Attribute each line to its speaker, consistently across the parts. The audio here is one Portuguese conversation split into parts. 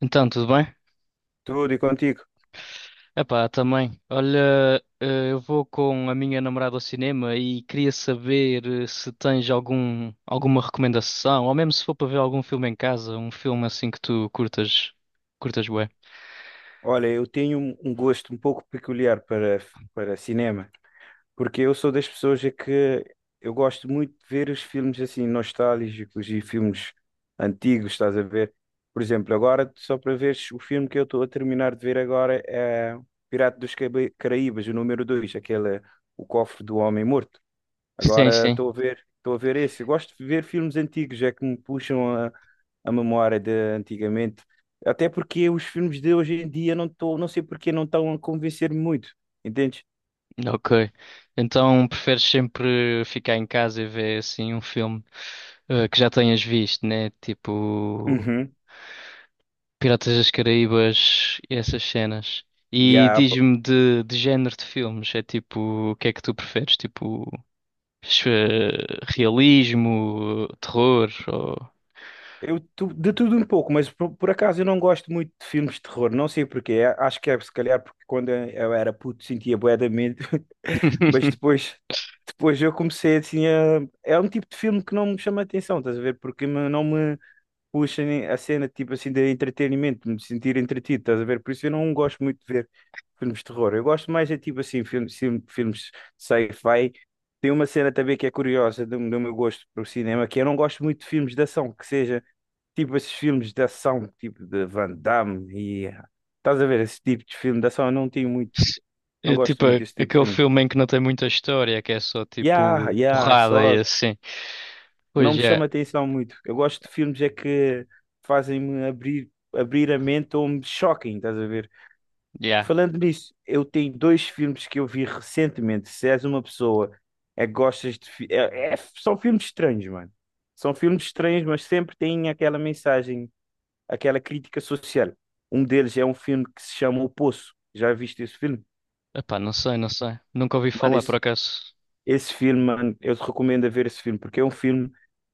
Speaker 1: Então, tudo bem?
Speaker 2: Tudo e contigo.
Speaker 1: Epá, também. Olha, eu vou com a minha namorada ao cinema e queria saber se tens algum, alguma recomendação, ou mesmo se for para ver algum filme em casa, um filme assim que tu curtas, curtas bué.
Speaker 2: Olha, eu tenho um gosto um pouco peculiar para, para cinema, porque eu sou das pessoas a que eu gosto muito de ver os filmes assim nostálgicos e filmes antigos, estás a ver? Por exemplo, agora, só para veres, o filme que eu estou a terminar de ver agora é Caraíbas, o número 2, aquele, O Cofre do Homem Morto.
Speaker 1: Sim,
Speaker 2: Agora
Speaker 1: sim.
Speaker 2: estou a ver esse. Eu gosto de ver filmes antigos, é que me puxam a memória de antigamente, até porque os filmes de hoje em dia não sei porque não estão a convencer-me muito, entendes?
Speaker 1: Ok. Então, preferes sempre ficar em casa e ver assim um filme que já tenhas visto, né? Tipo,
Speaker 2: Uhum.
Speaker 1: Piratas das Caraíbas e essas cenas. E
Speaker 2: Yeah, pá.
Speaker 1: diz-me de género de filmes. É tipo, o que é que tu preferes? Tipo, ch- realismo, terror, ou...
Speaker 2: De tudo um pouco, mas por acaso eu não gosto muito de filmes de terror, não sei porquê, acho que é se calhar porque quando eu era puto sentia bué de medo, mas depois, depois eu comecei assim a... É um tipo de filme que não me chama a atenção, estás a ver? Não me puxa a cena tipo assim de entretenimento, de me sentir entretido, estás a ver? Por isso eu não gosto muito de ver filmes de terror. Eu gosto mais é tipo assim, filmes sci-fi. Tem uma cena também que é curiosa do meu gosto para o cinema, que eu não gosto muito de filmes de ação, que seja tipo esses filmes de ação, tipo de Van Damme e estás a ver esse tipo de filme de ação, eu não tenho muito, não
Speaker 1: É
Speaker 2: gosto
Speaker 1: tipo
Speaker 2: muito desse tipo de
Speaker 1: aquele
Speaker 2: filme.
Speaker 1: filme em que não tem muita história, que é só
Speaker 2: Yeah,
Speaker 1: tipo
Speaker 2: yeah,
Speaker 1: porrada e
Speaker 2: só
Speaker 1: assim.
Speaker 2: não
Speaker 1: Pois
Speaker 2: me
Speaker 1: é,
Speaker 2: chama atenção muito. Eu gosto de filmes é que fazem-me abrir a mente ou me choquem, estás a ver?
Speaker 1: já.
Speaker 2: Falando nisso, eu tenho dois filmes que eu vi recentemente. Se és uma pessoa é que gostas de. São filmes estranhos, mano. São filmes estranhos, mas sempre têm aquela mensagem, aquela crítica social. Um deles é um filme que se chama O Poço. Já viste esse filme?
Speaker 1: Epá, não sei, não sei. Nunca ouvi
Speaker 2: Mano,
Speaker 1: falar, por
Speaker 2: esse,
Speaker 1: acaso.
Speaker 2: Esse filme, mano, eu te recomendo a ver esse filme, porque é um filme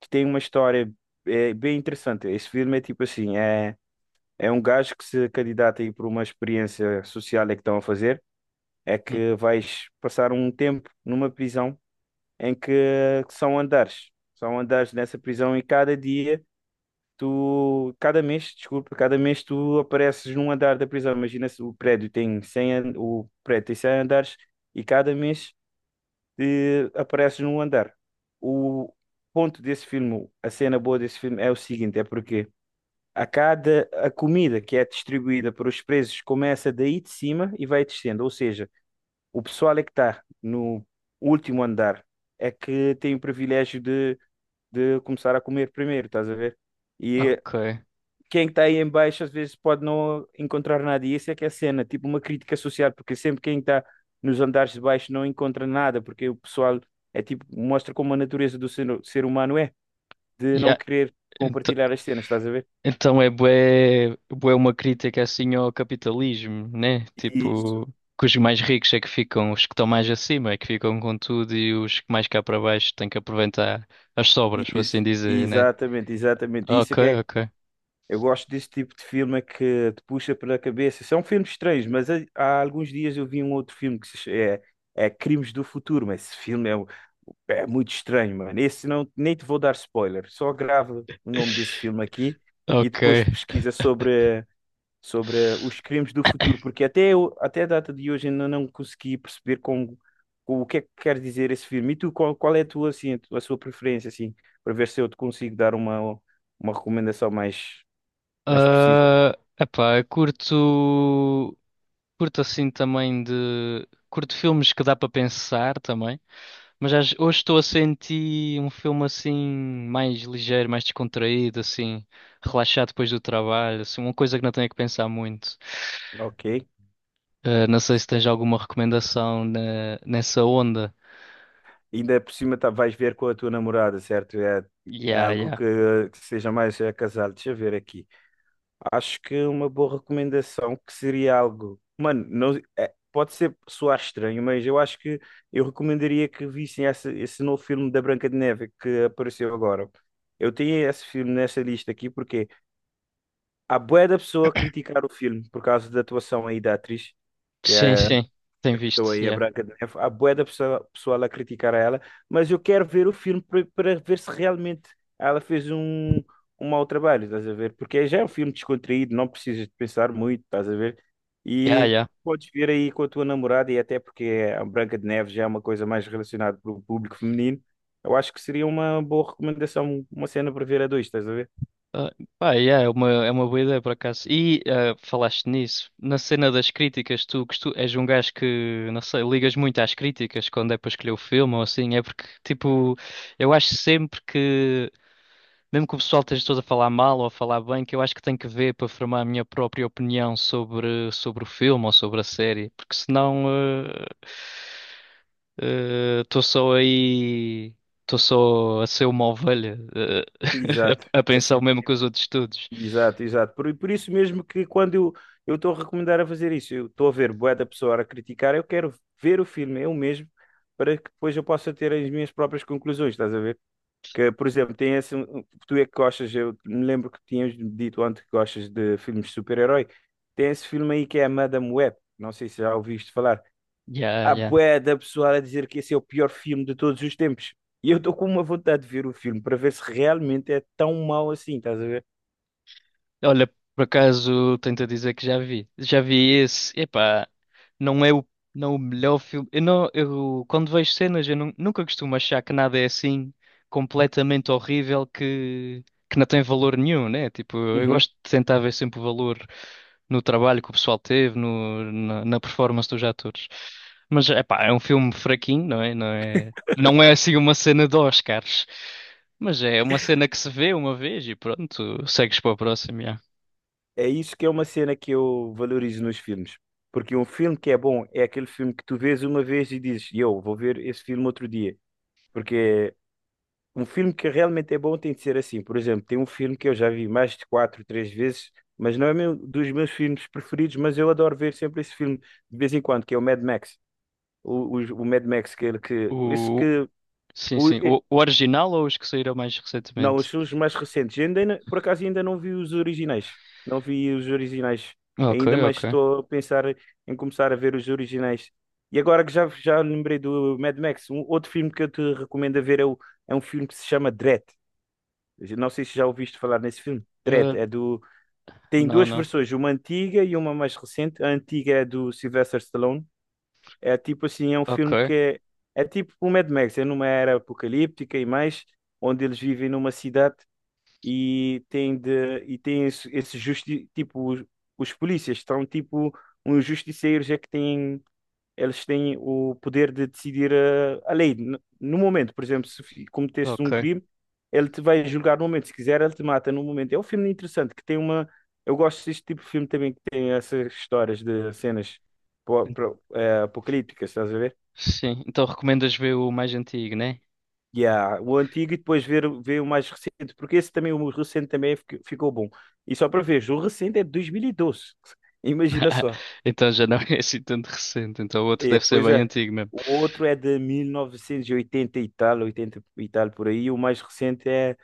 Speaker 2: que tem uma história é, bem interessante. Esse filme é tipo assim, é um gajo que se candidata aí por uma experiência social é que estão a fazer, é
Speaker 1: Hum.
Speaker 2: que vais passar um tempo numa prisão em que são andares. São andares nessa prisão e cada dia desculpa, cada mês tu apareces num andar da prisão. Imagina se o prédio o prédio tem 100 andares e cada mês apareces num andar. O ponto desse filme, a cena boa desse filme é o seguinte, é porque a comida que é distribuída para os presos começa daí de cima e vai descendo, ou seja, o pessoal é que está no último andar é que tem o privilégio de começar a comer primeiro, estás a ver? E
Speaker 1: Ok.
Speaker 2: quem está aí em baixo às vezes pode não encontrar nada. E essa é que é a cena, tipo uma crítica social, porque sempre quem está nos andares de baixo não encontra nada, porque o pessoal é tipo, mostra como a natureza do ser humano é, de não
Speaker 1: Já.
Speaker 2: querer compartilhar as cenas, estás a ver?
Speaker 1: Então é bué, bué uma crítica assim ao capitalismo, né?
Speaker 2: Isso,
Speaker 1: Tipo, que os mais ricos é que ficam, os que estão mais acima é que ficam com tudo e os que mais cá para baixo têm que aproveitar as sobras, por assim
Speaker 2: isso.
Speaker 1: dizer, né?
Speaker 2: Exatamente, exatamente. Isso é
Speaker 1: Ok,
Speaker 2: que é.
Speaker 1: ok,
Speaker 2: Eu gosto desse tipo de filme é que te puxa pela cabeça. São filmes estranhos, mas há alguns dias eu vi um outro filme que se ch- é, é Crimes do Futuro, mas esse filme é muito estranho, mano. Esse não, nem te vou dar spoiler. Só grava o nome desse filme aqui e
Speaker 1: ok.
Speaker 2: depois pesquisa sobre os crimes do futuro, porque até a data de hoje ainda não consegui perceber como, o que é que quer dizer esse filme. E tu, qual é a tua, assim, a tua- a sua preferência, assim, para ver se eu te consigo dar uma recomendação mais mais precisa.
Speaker 1: Ah, epá, curto, curto assim também de, curto filmes que dá para pensar também. Hoje estou a sentir um filme assim mais ligeiro, mais descontraído, assim, relaxado depois do trabalho, assim, uma coisa que não tenho que pensar muito.
Speaker 2: Ok.
Speaker 1: Não sei se tens alguma recomendação nessa onda.
Speaker 2: Ainda por cima tá, vais ver com a tua namorada, certo? É, é
Speaker 1: Yeah,
Speaker 2: algo
Speaker 1: yeah.
Speaker 2: que seja mais é, casado. Deixa eu ver aqui. Acho que uma boa recomendação que seria algo. Mano, não, é, pode ser soar estranho, mas eu acho que eu recomendaria que vissem esse novo filme da Branca de Neve que apareceu agora. Eu tenho esse filme nessa lista aqui porque há bué da pessoa a criticar o filme por causa da atuação aí da atriz, que
Speaker 1: Sim,
Speaker 2: é
Speaker 1: sim. Tem
Speaker 2: interpretou
Speaker 1: visto,
Speaker 2: aí a
Speaker 1: yeah.
Speaker 2: Branca de Neve. Há bué pessoal a criticar a ela, mas eu quero ver o filme para ver se realmente ela fez um, um mau trabalho, estás a ver? Porque já é um filme descontraído, não precisas de pensar muito, estás a ver?
Speaker 1: Yeah,
Speaker 2: E
Speaker 1: yeah.
Speaker 2: podes ver aí com a tua namorada, e até porque a Branca de Neve já é uma coisa mais relacionada para o público feminino, eu acho que seria uma boa recomendação, uma cena para ver a dois, estás a ver?
Speaker 1: Ah, pá, yeah, é uma boa ideia por acaso. E ah, falaste nisso, na cena das críticas, tu, és um gajo que, não sei, ligas muito às críticas quando é para escolher o filme ou assim, é porque, tipo, eu acho sempre que mesmo que o pessoal esteja todo a falar mal ou a falar bem, que eu acho que tenho que ver para formar a minha própria opinião sobre, sobre o filme ou sobre a série, porque senão estou só aí, estou só a ser uma ovelha,
Speaker 2: Exato.
Speaker 1: a pensar o mesmo que os outros todos.
Speaker 2: Exato, exato. Por isso mesmo que quando eu estou a recomendar a fazer isso, eu estou a ver bué da pessoa a criticar, eu quero ver o filme eu mesmo para que depois eu possa ter as minhas próprias conclusões, estás a ver? Que, por exemplo, tem esse, tu é que gostas, eu me lembro que tinhas dito antes que gostas de filmes de super-herói, tem esse filme aí que é a Madame Web, não sei se já ouviste falar.
Speaker 1: Yeah,
Speaker 2: Há
Speaker 1: yeah.
Speaker 2: bué da pessoa a dizer que esse é o pior filme de todos os tempos. E eu estou com uma vontade de ver o filme para ver se realmente é tão mau assim, estás a ver?
Speaker 1: Olha, por acaso tento dizer que já vi. Já vi esse. Epá, não é o, não é o melhor filme. Eu não, eu, Quando vejo cenas, nunca costumo achar que nada é assim completamente horrível que não tem valor nenhum, né? Tipo, eu gosto de tentar ver sempre o valor no trabalho que o pessoal teve, no, na, na performance dos atores. Mas, epá, é um filme fraquinho, não é? Não é, não é assim uma cena de Oscars. Mas é uma cena que se vê uma vez e pronto, segues para o próximo.
Speaker 2: É isso que é uma cena que eu valorizo nos filmes. Porque um filme que é bom é aquele filme que tu vês uma vez e dizes, eu vou ver esse filme outro dia. Porque um filme que realmente é bom tem de ser assim. Por exemplo, tem um filme que eu já vi mais de três vezes, mas não é meu, dos meus filmes preferidos, mas eu adoro ver sempre esse filme de vez em quando, que é o Mad Max. O Mad Max, que, ele- que, esse
Speaker 1: O...
Speaker 2: que,
Speaker 1: Sim,
Speaker 2: o,
Speaker 1: sim. O original ou os que saíram mais
Speaker 2: não, os
Speaker 1: recentemente?
Speaker 2: filmes mais recentes. Eu Ainda, não- Por acaso ainda não vi os originais. Não vi os originais
Speaker 1: Ok,
Speaker 2: ainda, mas
Speaker 1: ok.
Speaker 2: estou a pensar em começar a ver os originais. E agora que já, já lembrei do Mad Max, um outro filme que eu te recomendo a ver é, é um filme que se chama Dredd. Eu não sei se já ouviste falar nesse filme.
Speaker 1: Eh,
Speaker 2: Dredd é do. Tem
Speaker 1: não,
Speaker 2: duas
Speaker 1: não.
Speaker 2: versões, uma antiga e uma mais recente. A antiga é do Sylvester Stallone. É tipo assim, é um
Speaker 1: Ok,
Speaker 2: filme que é tipo o Mad Max, é numa era apocalíptica e mais, onde eles vivem numa cidade e tem esse justi tipo os polícias estão tipo uns justiceiros é que têm eles têm o poder de decidir lei no momento. Por exemplo, se fi- cometeste um
Speaker 1: ok.
Speaker 2: crime, ele te vai julgar no momento. Se quiser, ele te mata no momento. É um filme interessante que tem uma, eu gosto deste tipo de filme também que tem essas histórias de cenas apocalípticas, estás a ver?
Speaker 1: Sim, então recomendas ver o mais antigo, né?
Speaker 2: Yeah, o antigo e depois ver o mais recente, porque esse também, o recente também ficou bom. E só para ver, o recente é de 2012. Imagina só.
Speaker 1: Então já não é assim tanto recente. Então o outro
Speaker 2: É,
Speaker 1: deve ser
Speaker 2: pois
Speaker 1: bem
Speaker 2: é.
Speaker 1: antigo mesmo.
Speaker 2: O outro é de 1980 e oitenta e tal, 80 e tal por aí. O mais recente é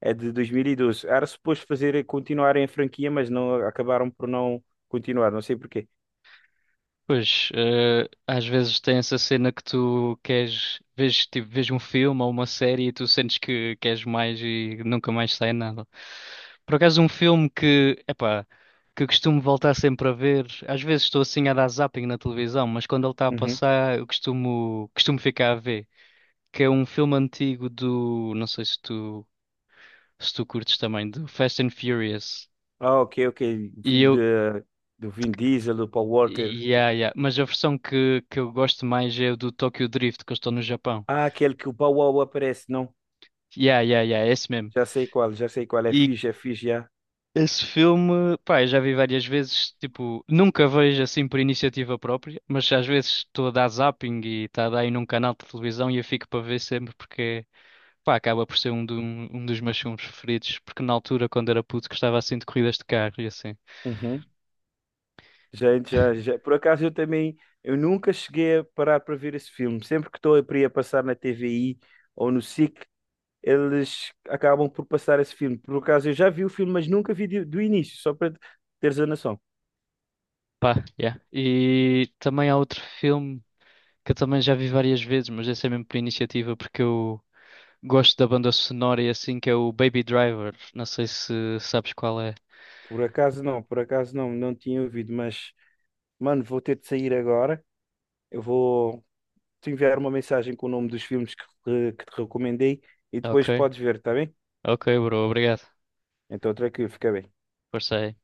Speaker 2: é de 2012. Era suposto fazer continuarem a franquia, mas não acabaram por não continuar, não sei porquê.
Speaker 1: Pois, eh, às vezes tem essa cena que tu queres, vês, tipo, vês um filme ou uma série e tu sentes que queres mais e nunca mais sai nada. Por acaso, um filme que, epá, que costumo voltar sempre a ver, às vezes estou assim a dar zapping na televisão, mas quando ele está a
Speaker 2: Uhum.
Speaker 1: passar, eu costumo, costumo ficar a ver, que é um filme antigo do, não sei se tu curtes também, do Fast and Furious.
Speaker 2: Ah, ok, ok.
Speaker 1: E
Speaker 2: Filho
Speaker 1: eu,
Speaker 2: de, do Vin Diesel, do Paul Walker.
Speaker 1: yeah, yeah. Mas a versão que eu gosto mais é o do Tokyo Drift, que eu estou no Japão.
Speaker 2: Ah, aquele que o Paul Walker aparece, não?
Speaker 1: Yeah, yeah, yeah, é esse mesmo.
Speaker 2: Já sei qual, já sei qual.
Speaker 1: E
Speaker 2: É fixe, já.
Speaker 1: esse filme, pá, eu já vi várias vezes, tipo, nunca vejo assim por iniciativa própria, mas às vezes estou a dar zapping e está a dar aí num canal de televisão e eu fico para ver sempre porque, pá, acaba por ser um dos meus filmes preferidos, porque na altura, quando era puto, gostava assim de corridas de carro e assim.
Speaker 2: Uhum. Já, já, já. Por acaso eu também, eu nunca cheguei a parar para ver esse filme. Sempre que estou para ir a passar na TVI ou no SIC, eles acabam por passar esse filme. Por acaso eu já vi o filme, mas nunca vi do início, só para teres a noção.
Speaker 1: Pá, yeah. E também há outro filme que eu também já vi várias vezes, mas esse é mesmo por iniciativa, porque eu gosto da banda sonora e assim, que é o Baby Driver. Não sei se sabes qual é.
Speaker 2: Por acaso não, não tinha ouvido, mas, mano, vou ter de sair agora. Eu vou te enviar uma mensagem com o nome dos filmes que te recomendei e
Speaker 1: Ok,
Speaker 2: depois podes ver, está bem?
Speaker 1: ok, bro, obrigado.
Speaker 2: Então, tranquilo, fica bem.
Speaker 1: Força aí.